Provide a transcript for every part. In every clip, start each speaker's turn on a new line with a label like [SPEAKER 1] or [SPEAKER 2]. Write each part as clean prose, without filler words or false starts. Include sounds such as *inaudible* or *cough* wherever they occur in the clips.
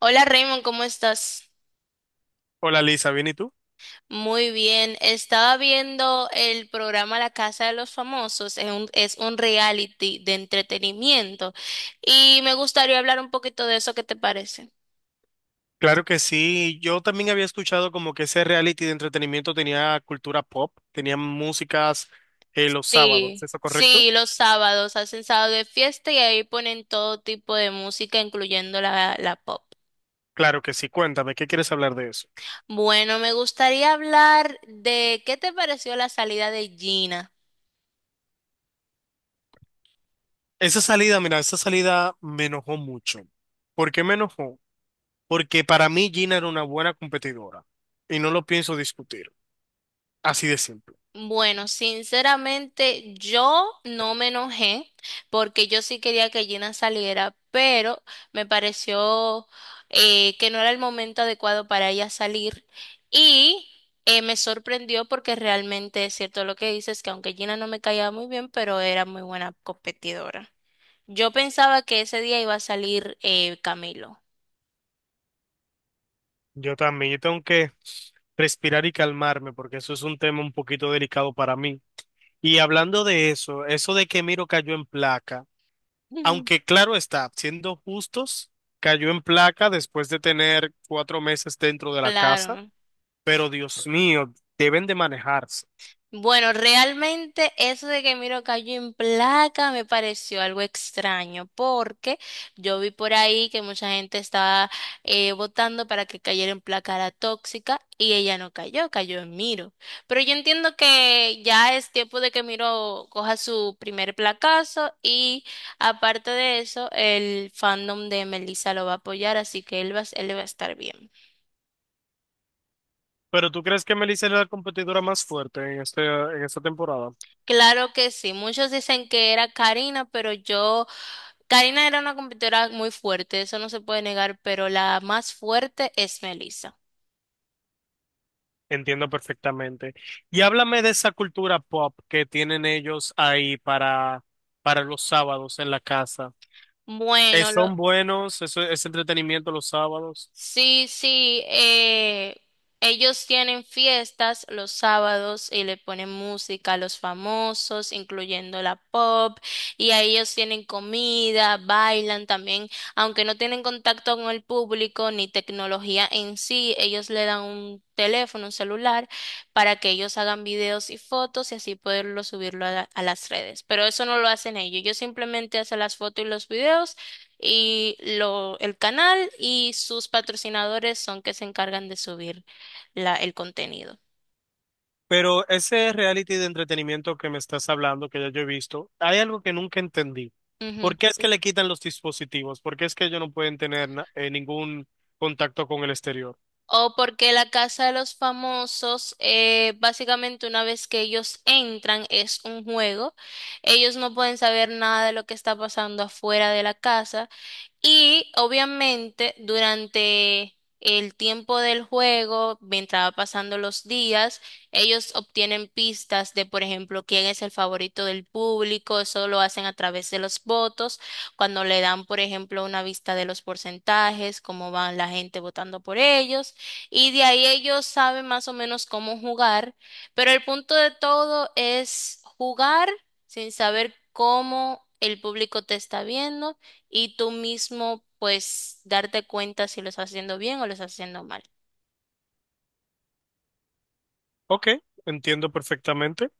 [SPEAKER 1] Hola Raymond, ¿cómo estás?
[SPEAKER 2] Hola Lisa, ¿bien y tú?
[SPEAKER 1] Muy bien. Estaba viendo el programa La Casa de los Famosos. Es un reality de entretenimiento y me gustaría hablar un poquito de eso. ¿Qué te parece?
[SPEAKER 2] Claro que sí, yo también había escuchado como que ese reality de entretenimiento tenía cultura pop, tenía músicas los sábados, ¿es
[SPEAKER 1] Sí,
[SPEAKER 2] eso correcto?
[SPEAKER 1] sí, los sábados hacen sábado de fiesta y ahí ponen todo tipo de música, incluyendo la pop.
[SPEAKER 2] Claro que sí, cuéntame, ¿qué quieres hablar de eso?
[SPEAKER 1] Bueno, me gustaría hablar de qué te pareció la salida de Gina.
[SPEAKER 2] Esa salida, mira, esa salida me enojó mucho. ¿Por qué me enojó? Porque para mí Gina era una buena competidora y no lo pienso discutir, así de simple.
[SPEAKER 1] Bueno, sinceramente yo no me enojé porque yo sí quería que Gina saliera, pero me pareció que no era el momento adecuado para ella salir y me sorprendió porque realmente es cierto lo que dices, que aunque Gina no me caía muy bien, pero era muy buena competidora. Yo pensaba que ese día iba a salir Camilo.
[SPEAKER 2] Yo también, yo tengo que respirar y calmarme porque eso es un tema un poquito delicado para mí. Y hablando de eso, eso de que Miro cayó en placa, aunque claro está, siendo justos, cayó en placa después de tener 4 meses dentro
[SPEAKER 1] *laughs*
[SPEAKER 2] de la casa,
[SPEAKER 1] Claro.
[SPEAKER 2] pero Dios mío, deben de manejarse.
[SPEAKER 1] Bueno, realmente eso de que Miro cayó en placa me pareció algo extraño, porque yo vi por ahí que mucha gente estaba votando para que cayera en placa la tóxica y ella no cayó, cayó en Miro. Pero yo entiendo que ya es tiempo de que Miro coja su primer placazo y aparte de eso, el fandom de Melissa lo va a apoyar, así que él va a estar bien.
[SPEAKER 2] Pero ¿tú crees que Melissa es la competidora más fuerte en esta temporada?
[SPEAKER 1] Claro que sí, muchos dicen que era Karina, pero yo, Karina era una competidora muy fuerte, eso no se puede negar, pero la más fuerte es Melissa.
[SPEAKER 2] Entiendo perfectamente. Y háblame de esa cultura pop que tienen ellos ahí para los sábados en la casa.
[SPEAKER 1] Bueno,
[SPEAKER 2] ¿Son buenos? ¿Eso es entretenimiento los sábados?
[SPEAKER 1] sí, sí, ellos tienen fiestas los sábados y le ponen música a los famosos, incluyendo la pop, y a ellos tienen comida, bailan también, aunque no tienen contacto con el público ni tecnología en sí, ellos le dan un teléfono, un celular, para que ellos hagan videos y fotos y así poderlo subirlo a, a las redes. Pero eso no lo hacen ellos, ellos simplemente hacen las fotos y los videos y lo, el canal y sus patrocinadores son que se encargan de subir la, el contenido.
[SPEAKER 2] Pero ese reality de entretenimiento que me estás hablando, que ya yo he visto, hay algo que nunca entendí.
[SPEAKER 1] Ujú.
[SPEAKER 2] ¿Por qué es que le quitan los dispositivos? ¿Por qué es que ellos no pueden tener ningún contacto con el exterior?
[SPEAKER 1] O porque la Casa de los Famosos, básicamente una vez que ellos entran, es un juego. Ellos no pueden saber nada de lo que está pasando afuera de la casa. Y obviamente durante el tiempo del juego, mientras va pasando los días, ellos obtienen pistas de, por ejemplo, quién es el favorito del público. Eso lo hacen a través de los votos, cuando le dan, por ejemplo, una vista de los porcentajes, cómo van la gente votando por ellos. Y de ahí ellos saben más o menos cómo jugar. Pero el punto de todo es jugar sin saber cómo el público te está viendo y tú mismo pues darte cuenta si lo estás haciendo bien o lo estás haciendo mal.
[SPEAKER 2] Ok, entiendo perfectamente.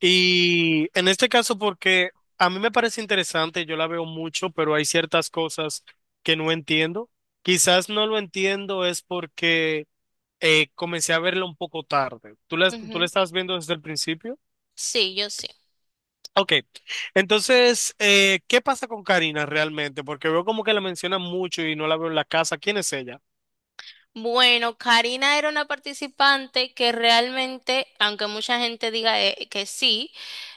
[SPEAKER 2] Y en este caso, porque a mí me parece interesante, yo la veo mucho, pero hay ciertas cosas que no entiendo. Quizás no lo entiendo es porque comencé a verlo un poco tarde. ¿Tú la
[SPEAKER 1] Ujú.
[SPEAKER 2] estabas viendo desde el principio?
[SPEAKER 1] Sí, yo.
[SPEAKER 2] Ok, entonces, ¿qué pasa con Karina realmente? Porque veo como que la mencionan mucho y no la veo en la casa. ¿Quién es ella?
[SPEAKER 1] Bueno, Karina era una participante que realmente, aunque mucha gente diga que sí,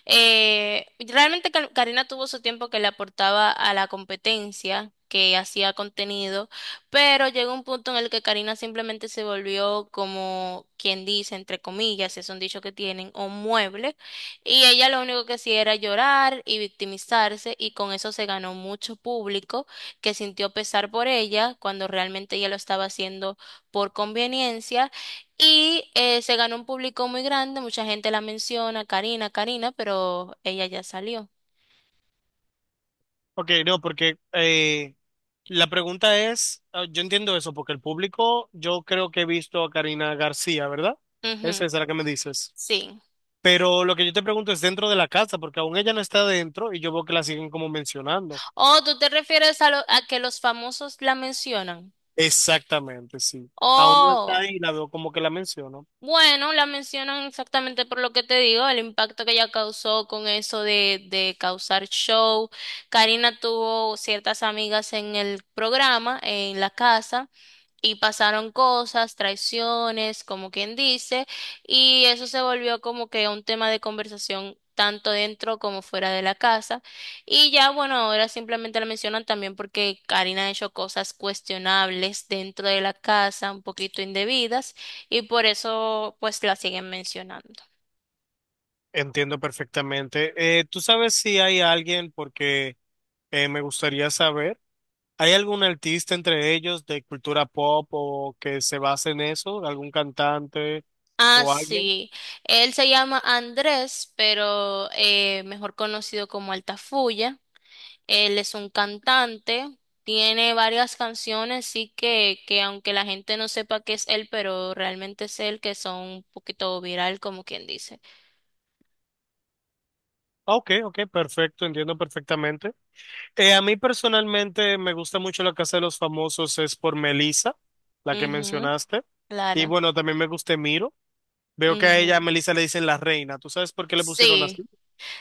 [SPEAKER 1] realmente Karina tuvo su tiempo que le aportaba a la competencia, que hacía contenido, pero llegó un punto en el que Karina simplemente se volvió como quien dice, entre comillas, es un dicho que tienen, un mueble, y ella lo único que hacía era llorar y victimizarse, y con eso se ganó mucho público que sintió pesar por ella cuando realmente ella lo estaba haciendo por conveniencia y se ganó un público muy grande, mucha gente la menciona, Karina, Karina, pero ella ya salió.
[SPEAKER 2] Ok, no, porque la pregunta es, ah, yo entiendo eso, porque el público, yo creo que he visto a Karina García, ¿verdad?
[SPEAKER 1] Ujú,
[SPEAKER 2] Esa es la que me dices.
[SPEAKER 1] sí.
[SPEAKER 2] Pero lo que yo te pregunto es dentro de la casa, porque aún ella no está dentro y yo veo que la siguen como mencionando.
[SPEAKER 1] Oh, ¿tú te refieres a, a que los famosos la mencionan?
[SPEAKER 2] Exactamente, sí. Aún no está
[SPEAKER 1] Oh,
[SPEAKER 2] ahí y la veo como que la menciono.
[SPEAKER 1] bueno, la mencionan exactamente por lo que te digo, el impacto que ella causó con eso de causar show. Karina tuvo ciertas amigas en el programa, en la casa. Y pasaron cosas, traiciones, como quien dice, y eso se volvió como que un tema de conversación tanto dentro como fuera de la casa. Y ya, bueno, ahora simplemente la mencionan también porque Karina ha hecho cosas cuestionables dentro de la casa, un poquito indebidas, y por eso pues la siguen mencionando.
[SPEAKER 2] Entiendo perfectamente. ¿Tú sabes si hay alguien porque... me gustaría saber, ¿hay algún artista entre ellos de cultura pop o que se base en eso? ¿Algún cantante
[SPEAKER 1] Ah,
[SPEAKER 2] o alguien?
[SPEAKER 1] sí, él se llama Andrés, pero mejor conocido como Altafulla. Él es un cantante, tiene varias canciones, sí que aunque la gente no sepa que es él, pero realmente es él, que son un poquito viral, como quien dice.
[SPEAKER 2] Ah, ok, ok, perfecto, entiendo perfectamente. A mí personalmente me gusta mucho la Casa de los Famosos, es por Melissa, la que
[SPEAKER 1] Ujú,
[SPEAKER 2] mencionaste. Y
[SPEAKER 1] claro.
[SPEAKER 2] bueno, también me gusta Miro. Veo que a ella, a
[SPEAKER 1] Ujú.
[SPEAKER 2] Melissa le dicen la reina. ¿Tú sabes por qué le pusieron así?
[SPEAKER 1] Sí.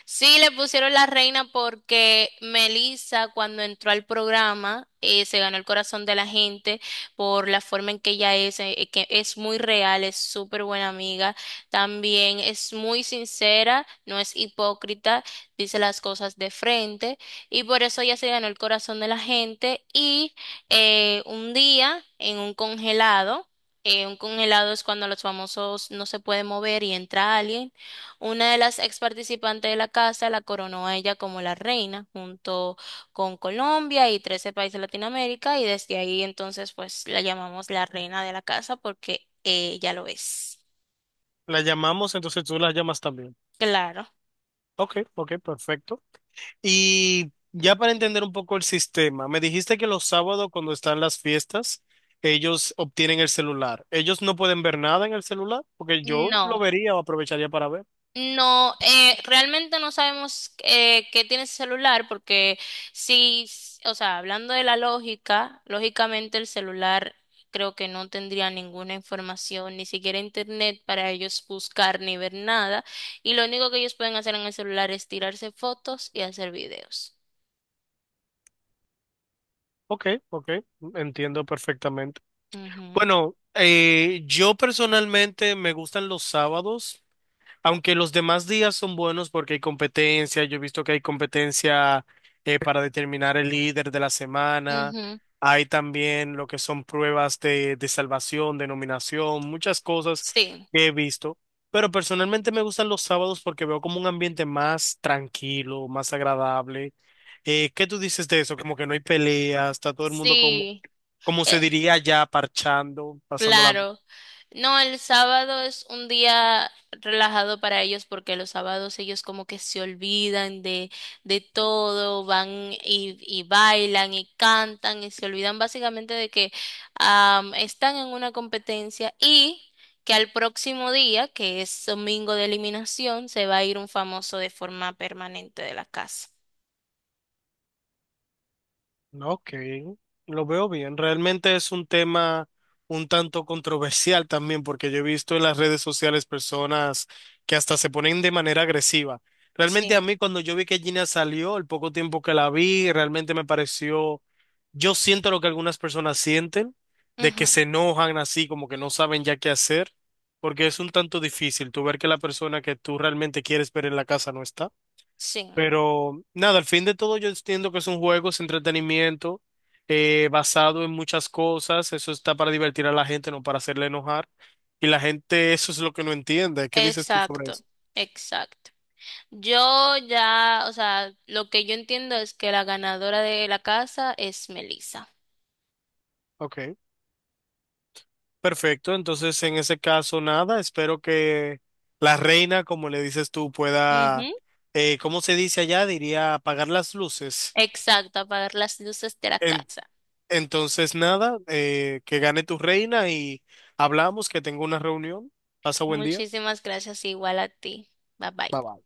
[SPEAKER 1] Sí, le pusieron la reina porque Melissa, cuando entró al programa, se ganó el corazón de la gente por la forma en que ella es, que es muy real, es súper buena amiga, también es muy sincera, no es hipócrita, dice las cosas de frente y por eso ella se ganó el corazón de la gente y un día en un congelado. Un congelado es cuando los famosos no se pueden mover y entra alguien. Una de las ex participantes de la casa la coronó a ella como la reina, junto con Colombia y 13 países de Latinoamérica, y desde ahí entonces pues la llamamos la reina de la casa porque ella lo es.
[SPEAKER 2] La llamamos, entonces tú la llamas también.
[SPEAKER 1] Claro.
[SPEAKER 2] Ok, ok, perfecto. Y ya para entender un poco el sistema, me dijiste que los sábados cuando están las fiestas, ellos obtienen el celular. Ellos no pueden ver nada en el celular porque yo lo
[SPEAKER 1] No.
[SPEAKER 2] vería o aprovecharía para ver.
[SPEAKER 1] No, realmente no sabemos qué tiene ese celular porque sí, o sea, hablando de la lógica, lógicamente el celular creo que no tendría ninguna información, ni siquiera internet para ellos buscar ni ver nada. Y lo único que ellos pueden hacer en el celular es tirarse fotos y hacer videos.
[SPEAKER 2] Ok, ok, entiendo perfectamente.
[SPEAKER 1] Ujú,
[SPEAKER 2] Bueno, yo personalmente me gustan los sábados. Aunque los demás días son buenos porque hay competencia, yo he visto que hay competencia, para determinar el líder de la semana,
[SPEAKER 1] ujú,
[SPEAKER 2] hay también lo que son pruebas de salvación, de nominación, muchas cosas
[SPEAKER 1] sí,
[SPEAKER 2] que he visto, pero personalmente me gustan los sábados porque veo como un ambiente más tranquilo, más agradable. ¿Qué tú dices de eso? Como que no hay peleas, está todo el mundo como,
[SPEAKER 1] sí.
[SPEAKER 2] como
[SPEAKER 1] Eh,
[SPEAKER 2] se diría ya, parchando, pasando.
[SPEAKER 1] Claro. No, el sábado es un día relajado para ellos porque los sábados ellos como que se olvidan de todo, van y bailan y cantan y se olvidan básicamente de que están en una competencia y que al próximo día, que es domingo de eliminación, se va a ir un famoso de forma permanente de la casa.
[SPEAKER 2] Ok, lo veo bien. Realmente es un tema un tanto controversial también, porque yo he visto en las redes sociales personas que hasta se ponen de manera agresiva. Realmente a
[SPEAKER 1] Sí.
[SPEAKER 2] mí cuando yo vi que Gina salió, el poco tiempo que la vi, realmente me pareció, yo siento lo que algunas personas sienten, de
[SPEAKER 1] Ujú,
[SPEAKER 2] que se enojan así, como que no saben ya qué hacer, porque es un tanto difícil tú ver que la persona que tú realmente quieres ver en la casa no está.
[SPEAKER 1] sí,
[SPEAKER 2] Pero nada, al fin de todo yo entiendo que es un juego, es entretenimiento, basado en muchas cosas, eso está para divertir a la gente, no para hacerle enojar. Y la gente eso es lo que no entiende. ¿Qué dices tú sobre
[SPEAKER 1] exacto,
[SPEAKER 2] eso?
[SPEAKER 1] exacto. Yo ya, o sea, lo que yo entiendo es que la ganadora de la casa es Melissa.
[SPEAKER 2] Ok, perfecto. Entonces, en ese caso, nada, espero que la reina, como le dices tú, pueda,
[SPEAKER 1] Ujú.
[SPEAKER 2] ¿cómo se dice allá? Diría apagar las luces.
[SPEAKER 1] Exacto, apagar las luces de la
[SPEAKER 2] En-
[SPEAKER 1] casa.
[SPEAKER 2] entonces, nada, que gane tu reina y hablamos, que tengo una reunión. Pasa buen día.
[SPEAKER 1] Muchísimas gracias, igual a ti. Bye bye.
[SPEAKER 2] Bye bye.